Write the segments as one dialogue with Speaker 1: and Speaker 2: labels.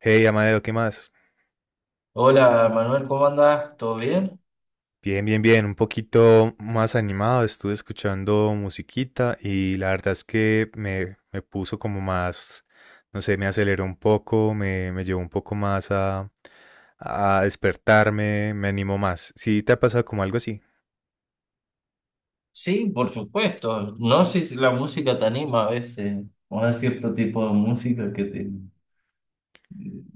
Speaker 1: Hey, Amadeo, ¿qué más?
Speaker 2: Hola Manuel, ¿cómo andás? ¿Todo bien?
Speaker 1: Bien, bien, bien, un poquito más animado, estuve escuchando musiquita y la verdad es que me puso como más, no sé, me aceleró un poco, me llevó un poco más a despertarme, me animó más. ¿Sí te ha pasado como algo así?
Speaker 2: Sí, por supuesto. No sé si la música te anima a veces, o hay cierto tipo de música que te,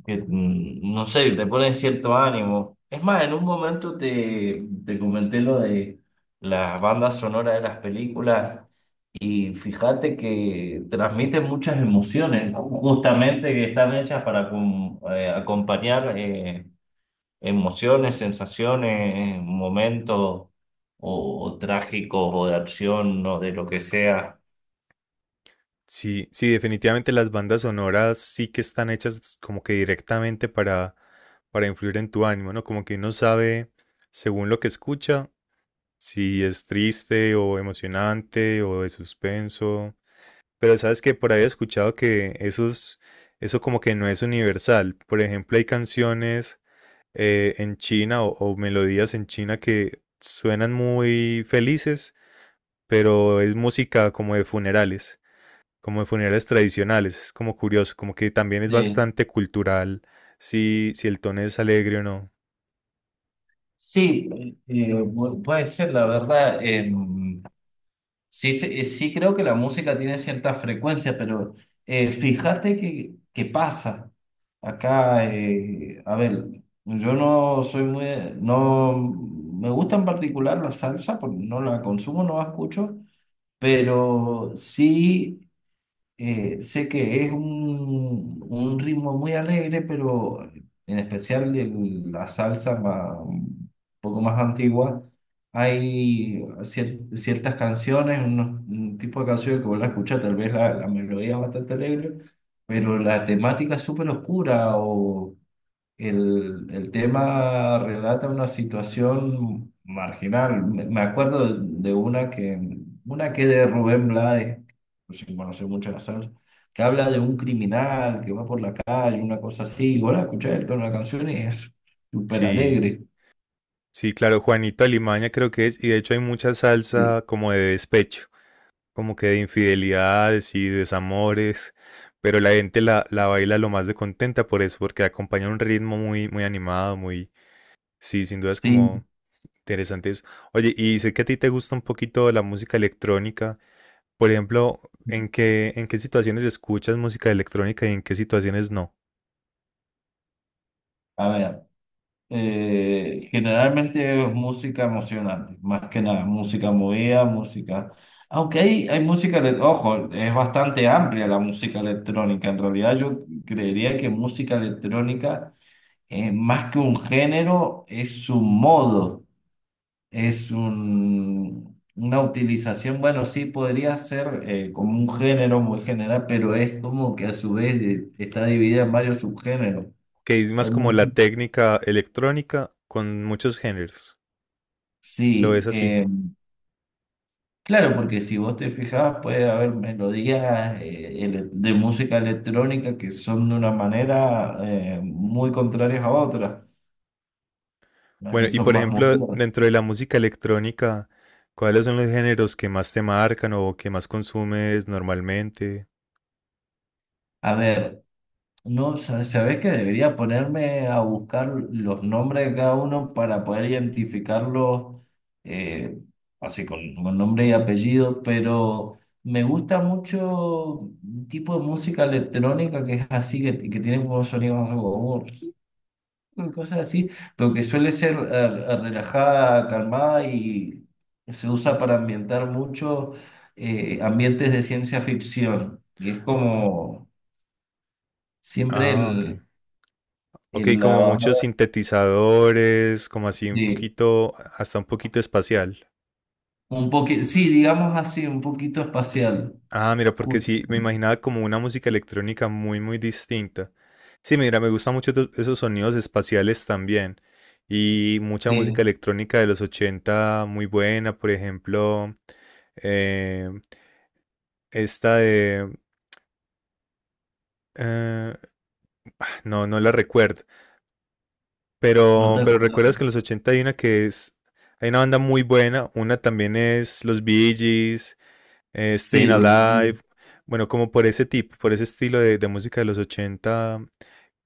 Speaker 2: que, mm, no sé, te pone cierto ánimo. Es más, en un momento te comenté lo de las bandas sonoras de las películas y fíjate que transmiten muchas emociones, justamente que están hechas para acompañar. Emociones, sensaciones, momentos o trágicos o de acción o de lo que sea.
Speaker 1: Sí, sí, definitivamente las bandas sonoras sí que están hechas como que directamente para influir en tu ánimo, ¿no? Como que uno sabe, según lo que escucha, si es triste o emocionante o de suspenso. Pero sabes que por ahí he escuchado que esos, eso como que no es universal. Por ejemplo, hay canciones en China o melodías en China que suenan muy felices, pero es música como de funerales tradicionales. Es como curioso, como que también es
Speaker 2: Sí.
Speaker 1: bastante cultural si, si el tono es alegre o no.
Speaker 2: Sí, puede ser, la verdad. Sí, creo que la música tiene cierta frecuencia, pero fíjate que pasa. Acá, a ver, yo no soy muy, no, me gusta en particular la salsa, porque no la consumo, no la escucho, pero sí. Sé que es un ritmo muy alegre, pero en especial la salsa un poco más antigua, hay ciertas canciones, un tipo de canciones que vos la escuchás, tal vez la melodía es bastante alegre, pero la temática es súper oscura o el tema relata una situación marginal. Me acuerdo de una una que es de Rubén Blades, sin conocer mucho la salsa, que habla de un criminal que va por la calle, una cosa así. Y vos la escuchás el la canción y es súper
Speaker 1: Sí,
Speaker 2: alegre.
Speaker 1: sí, claro, Juanito Alimaña creo que es, y de hecho hay mucha
Speaker 2: Sí.
Speaker 1: salsa como de despecho, como que de infidelidades y desamores, pero la gente la baila lo más de contenta por eso, porque acompaña un ritmo muy, muy animado, muy, sí, sin duda es
Speaker 2: Sí.
Speaker 1: como interesante eso. Oye, y sé que a ti te gusta un poquito la música electrónica, por ejemplo, ¿en qué situaciones escuchas música electrónica y en qué situaciones no?
Speaker 2: A ver. Generalmente es música emocionante, más que nada, música movida, música. Aunque hay música, ojo, es bastante amplia la música electrónica. En realidad yo creería que música electrónica, más que un género, es un modo, es un, una utilización, bueno, sí podría ser como un género muy general, pero es como que a su vez está dividida en varios subgéneros.
Speaker 1: ¿Que es
Speaker 2: Hay
Speaker 1: más como
Speaker 2: mu-
Speaker 1: la técnica electrónica con muchos géneros, lo ves
Speaker 2: Sí,
Speaker 1: así?
Speaker 2: eh, Claro, porque si vos te fijabas, puede haber melodías de música electrónica que son de una manera muy contrarias a otras, las
Speaker 1: Bueno,
Speaker 2: que
Speaker 1: y
Speaker 2: son
Speaker 1: por
Speaker 2: más
Speaker 1: ejemplo,
Speaker 2: movidas.
Speaker 1: dentro de la música electrónica, ¿cuáles son los géneros que más te marcan o que más consumes normalmente?
Speaker 2: A ver, no, sa- ¿sabés que debería ponerme a buscar los nombres de cada uno para poder identificarlos eh, así con nombre y apellido? Pero me gusta mucho un tipo de música electrónica que es así, que tiene como sonidos cosas así, pero que suele ser relajada, calmada y se usa para ambientar mucho ambientes de ciencia ficción. Y es como siempre
Speaker 1: Ah, ok. Ok,
Speaker 2: el la
Speaker 1: como muchos
Speaker 2: bajada
Speaker 1: sintetizadores, como así un
Speaker 2: de
Speaker 1: poquito, hasta un poquito espacial.
Speaker 2: un poquito, sí, digamos así, un poquito espacial.
Speaker 1: Ah, mira, porque
Speaker 2: Justo,
Speaker 1: sí, me imaginaba como una música electrónica muy, muy distinta. Sí, mira, me gustan mucho esos sonidos espaciales también. Y mucha música
Speaker 2: sí,
Speaker 1: electrónica de los 80, muy buena, por ejemplo, eh, esta de Eh, no, no la recuerdo.
Speaker 2: no te
Speaker 1: Pero
Speaker 2: acordás.
Speaker 1: recuerdas que en los 80 hay una que es. Hay una banda muy buena. Una también es Los Bee Gees,
Speaker 2: Sí,
Speaker 1: Staying
Speaker 2: lo
Speaker 1: Alive. Bueno, como por ese tipo, por ese estilo de música de los 80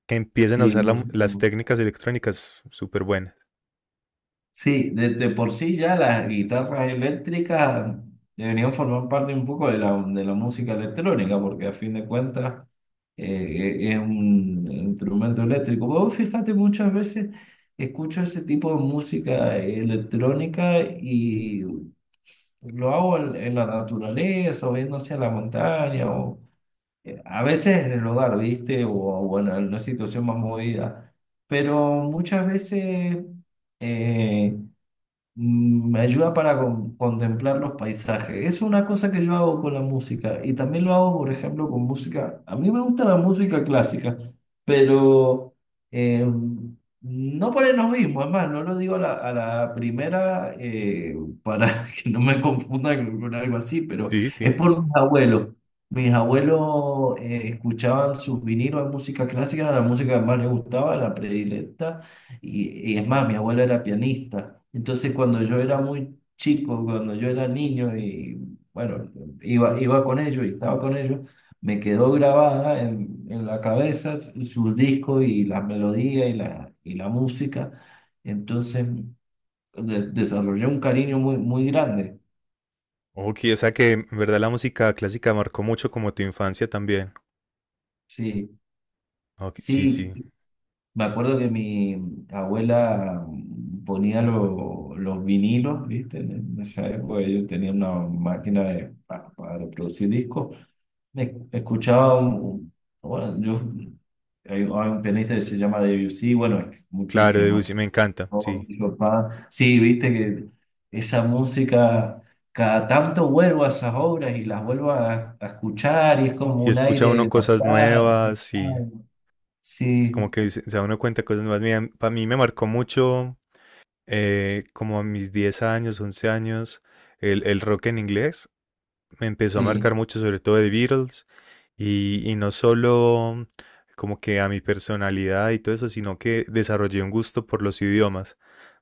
Speaker 1: que empiezan a
Speaker 2: sí,
Speaker 1: usar
Speaker 2: música.
Speaker 1: las técnicas electrónicas súper buenas.
Speaker 2: Sí, de por sí ya las guitarras eléctricas deberían formar parte un poco de de la música electrónica, porque a fin de cuentas eh, es un instrumento eléctrico. Vos fíjate, muchas veces escucho ese tipo de música electrónica y lo hago en la naturaleza, o viendo hacia la montaña, o a veces en el hogar, ¿viste? O en una situación más movida. Pero muchas veces. eh, Me ayuda para contemplar los paisajes. Es una cosa que yo hago con la música y también lo hago, por ejemplo, con música. A mí me gusta la música clásica, pero eh, no ponemos lo mismo. Es más, no lo digo a a la primera para que no me confunda con algo así, pero
Speaker 1: Sí,
Speaker 2: es
Speaker 1: sí.
Speaker 2: por mis abuelos. Mis abuelos escuchaban sus vinilos de música clásica, la música que más les gustaba, la predilecta. Y es más, mi abuela era pianista. Entonces, cuando yo era muy chico, cuando yo era niño y bueno, iba con ellos y estaba con ellos, me quedó grabada en la cabeza sus discos y las melodías y y la música. Entonces, desarrollé un cariño muy, muy grande.
Speaker 1: Ok, o sea que en verdad la música clásica marcó mucho como tu infancia también.
Speaker 2: Sí,
Speaker 1: Ok, sí,
Speaker 2: sí.
Speaker 1: sí.
Speaker 2: Me acuerdo que mi abuela ponía los vinilos, ¿viste? En esa época ellos tenían una máquina para reproducir discos. Me escuchaba un, bueno, yo, hay un pianista que se llama Debussy, bueno, es
Speaker 1: Claro,
Speaker 2: muchísimo.
Speaker 1: Debussy, me encanta,
Speaker 2: ¿No?
Speaker 1: sí.
Speaker 2: Mi papá, sí, viste que esa música, cada tanto vuelvo a esas obras y las vuelvo a escuchar y es como
Speaker 1: Y
Speaker 2: un
Speaker 1: escucha uno
Speaker 2: aire
Speaker 1: cosas
Speaker 2: nostálgico.
Speaker 1: nuevas y, como
Speaker 2: Sí,
Speaker 1: que se da uno cuenta de cosas nuevas. Mira, para mí me marcó mucho, como a mis 10 años, 11 años, el rock en inglés. Me empezó a
Speaker 2: sí.
Speaker 1: marcar mucho, sobre todo de Beatles. Y no solo como que a mi personalidad y todo eso, sino que desarrollé un gusto por los idiomas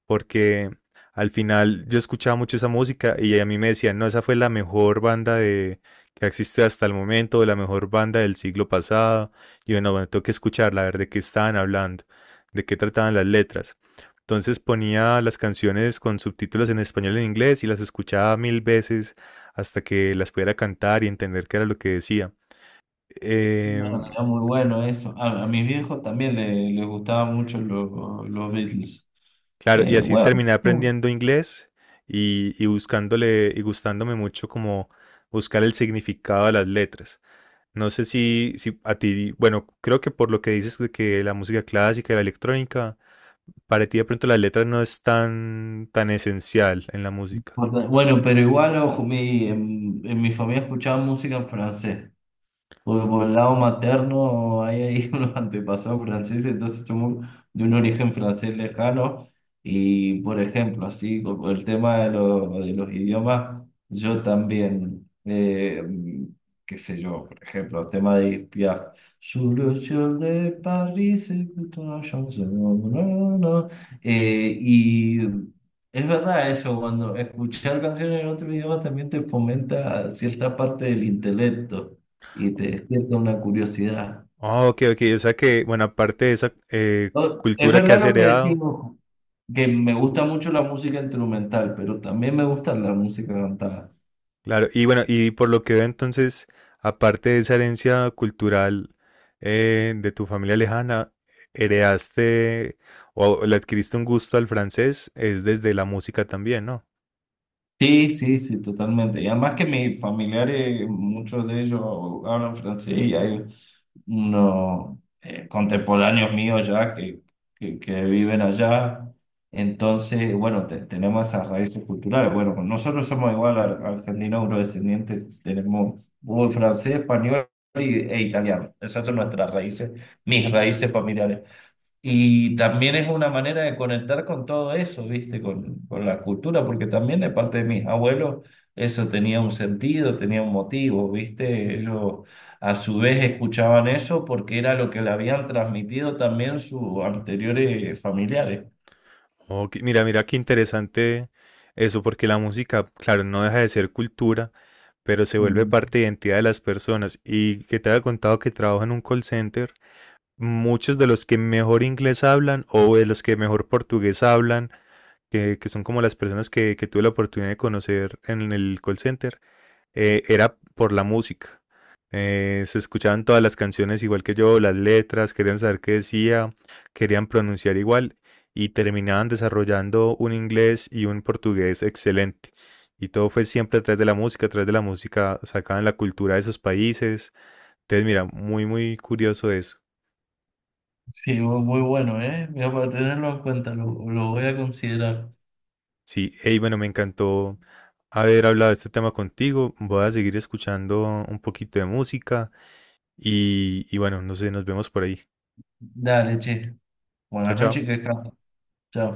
Speaker 1: porque al final yo escuchaba mucho esa música y a mí me decían, no, esa fue la mejor banda de, que existe hasta el momento, la mejor banda del siglo pasado. Y bueno, bueno, tengo que escucharla, a ver de qué estaban hablando, de qué trataban las letras. Entonces ponía las canciones con subtítulos en español y en inglés y las escuchaba mil veces hasta que las pudiera cantar y entender qué era lo que decía. Eh,
Speaker 2: Bueno, era muy bueno eso. A mis viejos también les gustaban mucho los Beatles.
Speaker 1: Claro, y
Speaker 2: Eh,
Speaker 1: así
Speaker 2: bueno,
Speaker 1: terminé aprendiendo inglés y buscándole y gustándome mucho como buscar el significado de las letras. No sé si, si a ti, bueno, creo que por lo que dices de que la música clásica y la electrónica, para ti de pronto las letras no es tan, tan esencial en la música.
Speaker 2: bueno, pero igual, ojo, en mi familia escuchaban música en francés. Porque por el lado materno hay ahí unos antepasados franceses, entonces somos de un origen francés lejano. Y por ejemplo, así como el tema de los idiomas, yo también, qué sé yo, por ejemplo, el tema de Edith Piaf. Sur le ciel de Paris, écoute una chanson, no, no, no. No, no. Y es verdad eso, cuando escuchar canciones en otro idioma también te fomenta cierta parte del intelecto y te despierta una curiosidad.
Speaker 1: Ah, ok, ok, o sea que, bueno, aparte de esa
Speaker 2: No, es
Speaker 1: cultura que
Speaker 2: verdad
Speaker 1: has
Speaker 2: lo que
Speaker 1: heredado,
Speaker 2: decimos, que me gusta mucho la música instrumental, pero también me gusta la música cantada.
Speaker 1: claro, y bueno, y por lo que veo entonces, aparte de esa herencia cultural de tu familia lejana, heredaste o le adquiriste un gusto al francés, es desde la música también, ¿no?
Speaker 2: Sí, sí, sí, totalmente. Y además que mis familiares, muchos de ellos hablan francés y hay unos contemporáneos míos ya que viven allá. Entonces, bueno, tenemos esas raíces culturales. Bueno, pues nosotros somos igual argentinos eurodescendientes, tenemos francés, español e italiano. Esas son nuestras raíces, mis raíces familiares. Y también es una manera de conectar con todo eso, ¿viste? Con la cultura, porque también de parte de mis abuelos eso tenía un sentido, tenía un motivo, ¿viste? Ellos a su vez escuchaban eso porque era lo que le habían transmitido también sus anteriores familiares.
Speaker 1: Oh, mira, mira qué interesante eso, porque la música, claro, no deja de ser cultura, pero se vuelve
Speaker 2: Mm.
Speaker 1: parte de identidad de las personas. Y que te había contado que trabajo en un call center, muchos de los que mejor inglés hablan o de los que mejor portugués hablan, que son como las personas que tuve la oportunidad de conocer en el call center, era por la música. Se escuchaban todas las canciones igual que yo, las letras, querían saber qué decía, querían pronunciar igual y terminaban desarrollando un inglés y un portugués excelente. Y todo fue siempre atrás de la música, atrás de la música, sacaban la cultura de esos países. Entonces, mira, muy, muy curioso eso.
Speaker 2: Sí, muy bueno, ¿eh? Mira, para tenerlo en cuenta, lo voy a considerar.
Speaker 1: Sí, hey, bueno, me encantó haber hablado de este tema contigo. Voy a seguir escuchando un poquito de música y bueno, no sé, nos vemos por ahí.
Speaker 2: Dale, che.
Speaker 1: Chao,
Speaker 2: Buenas
Speaker 1: chao.
Speaker 2: noches, que descanses. Chao.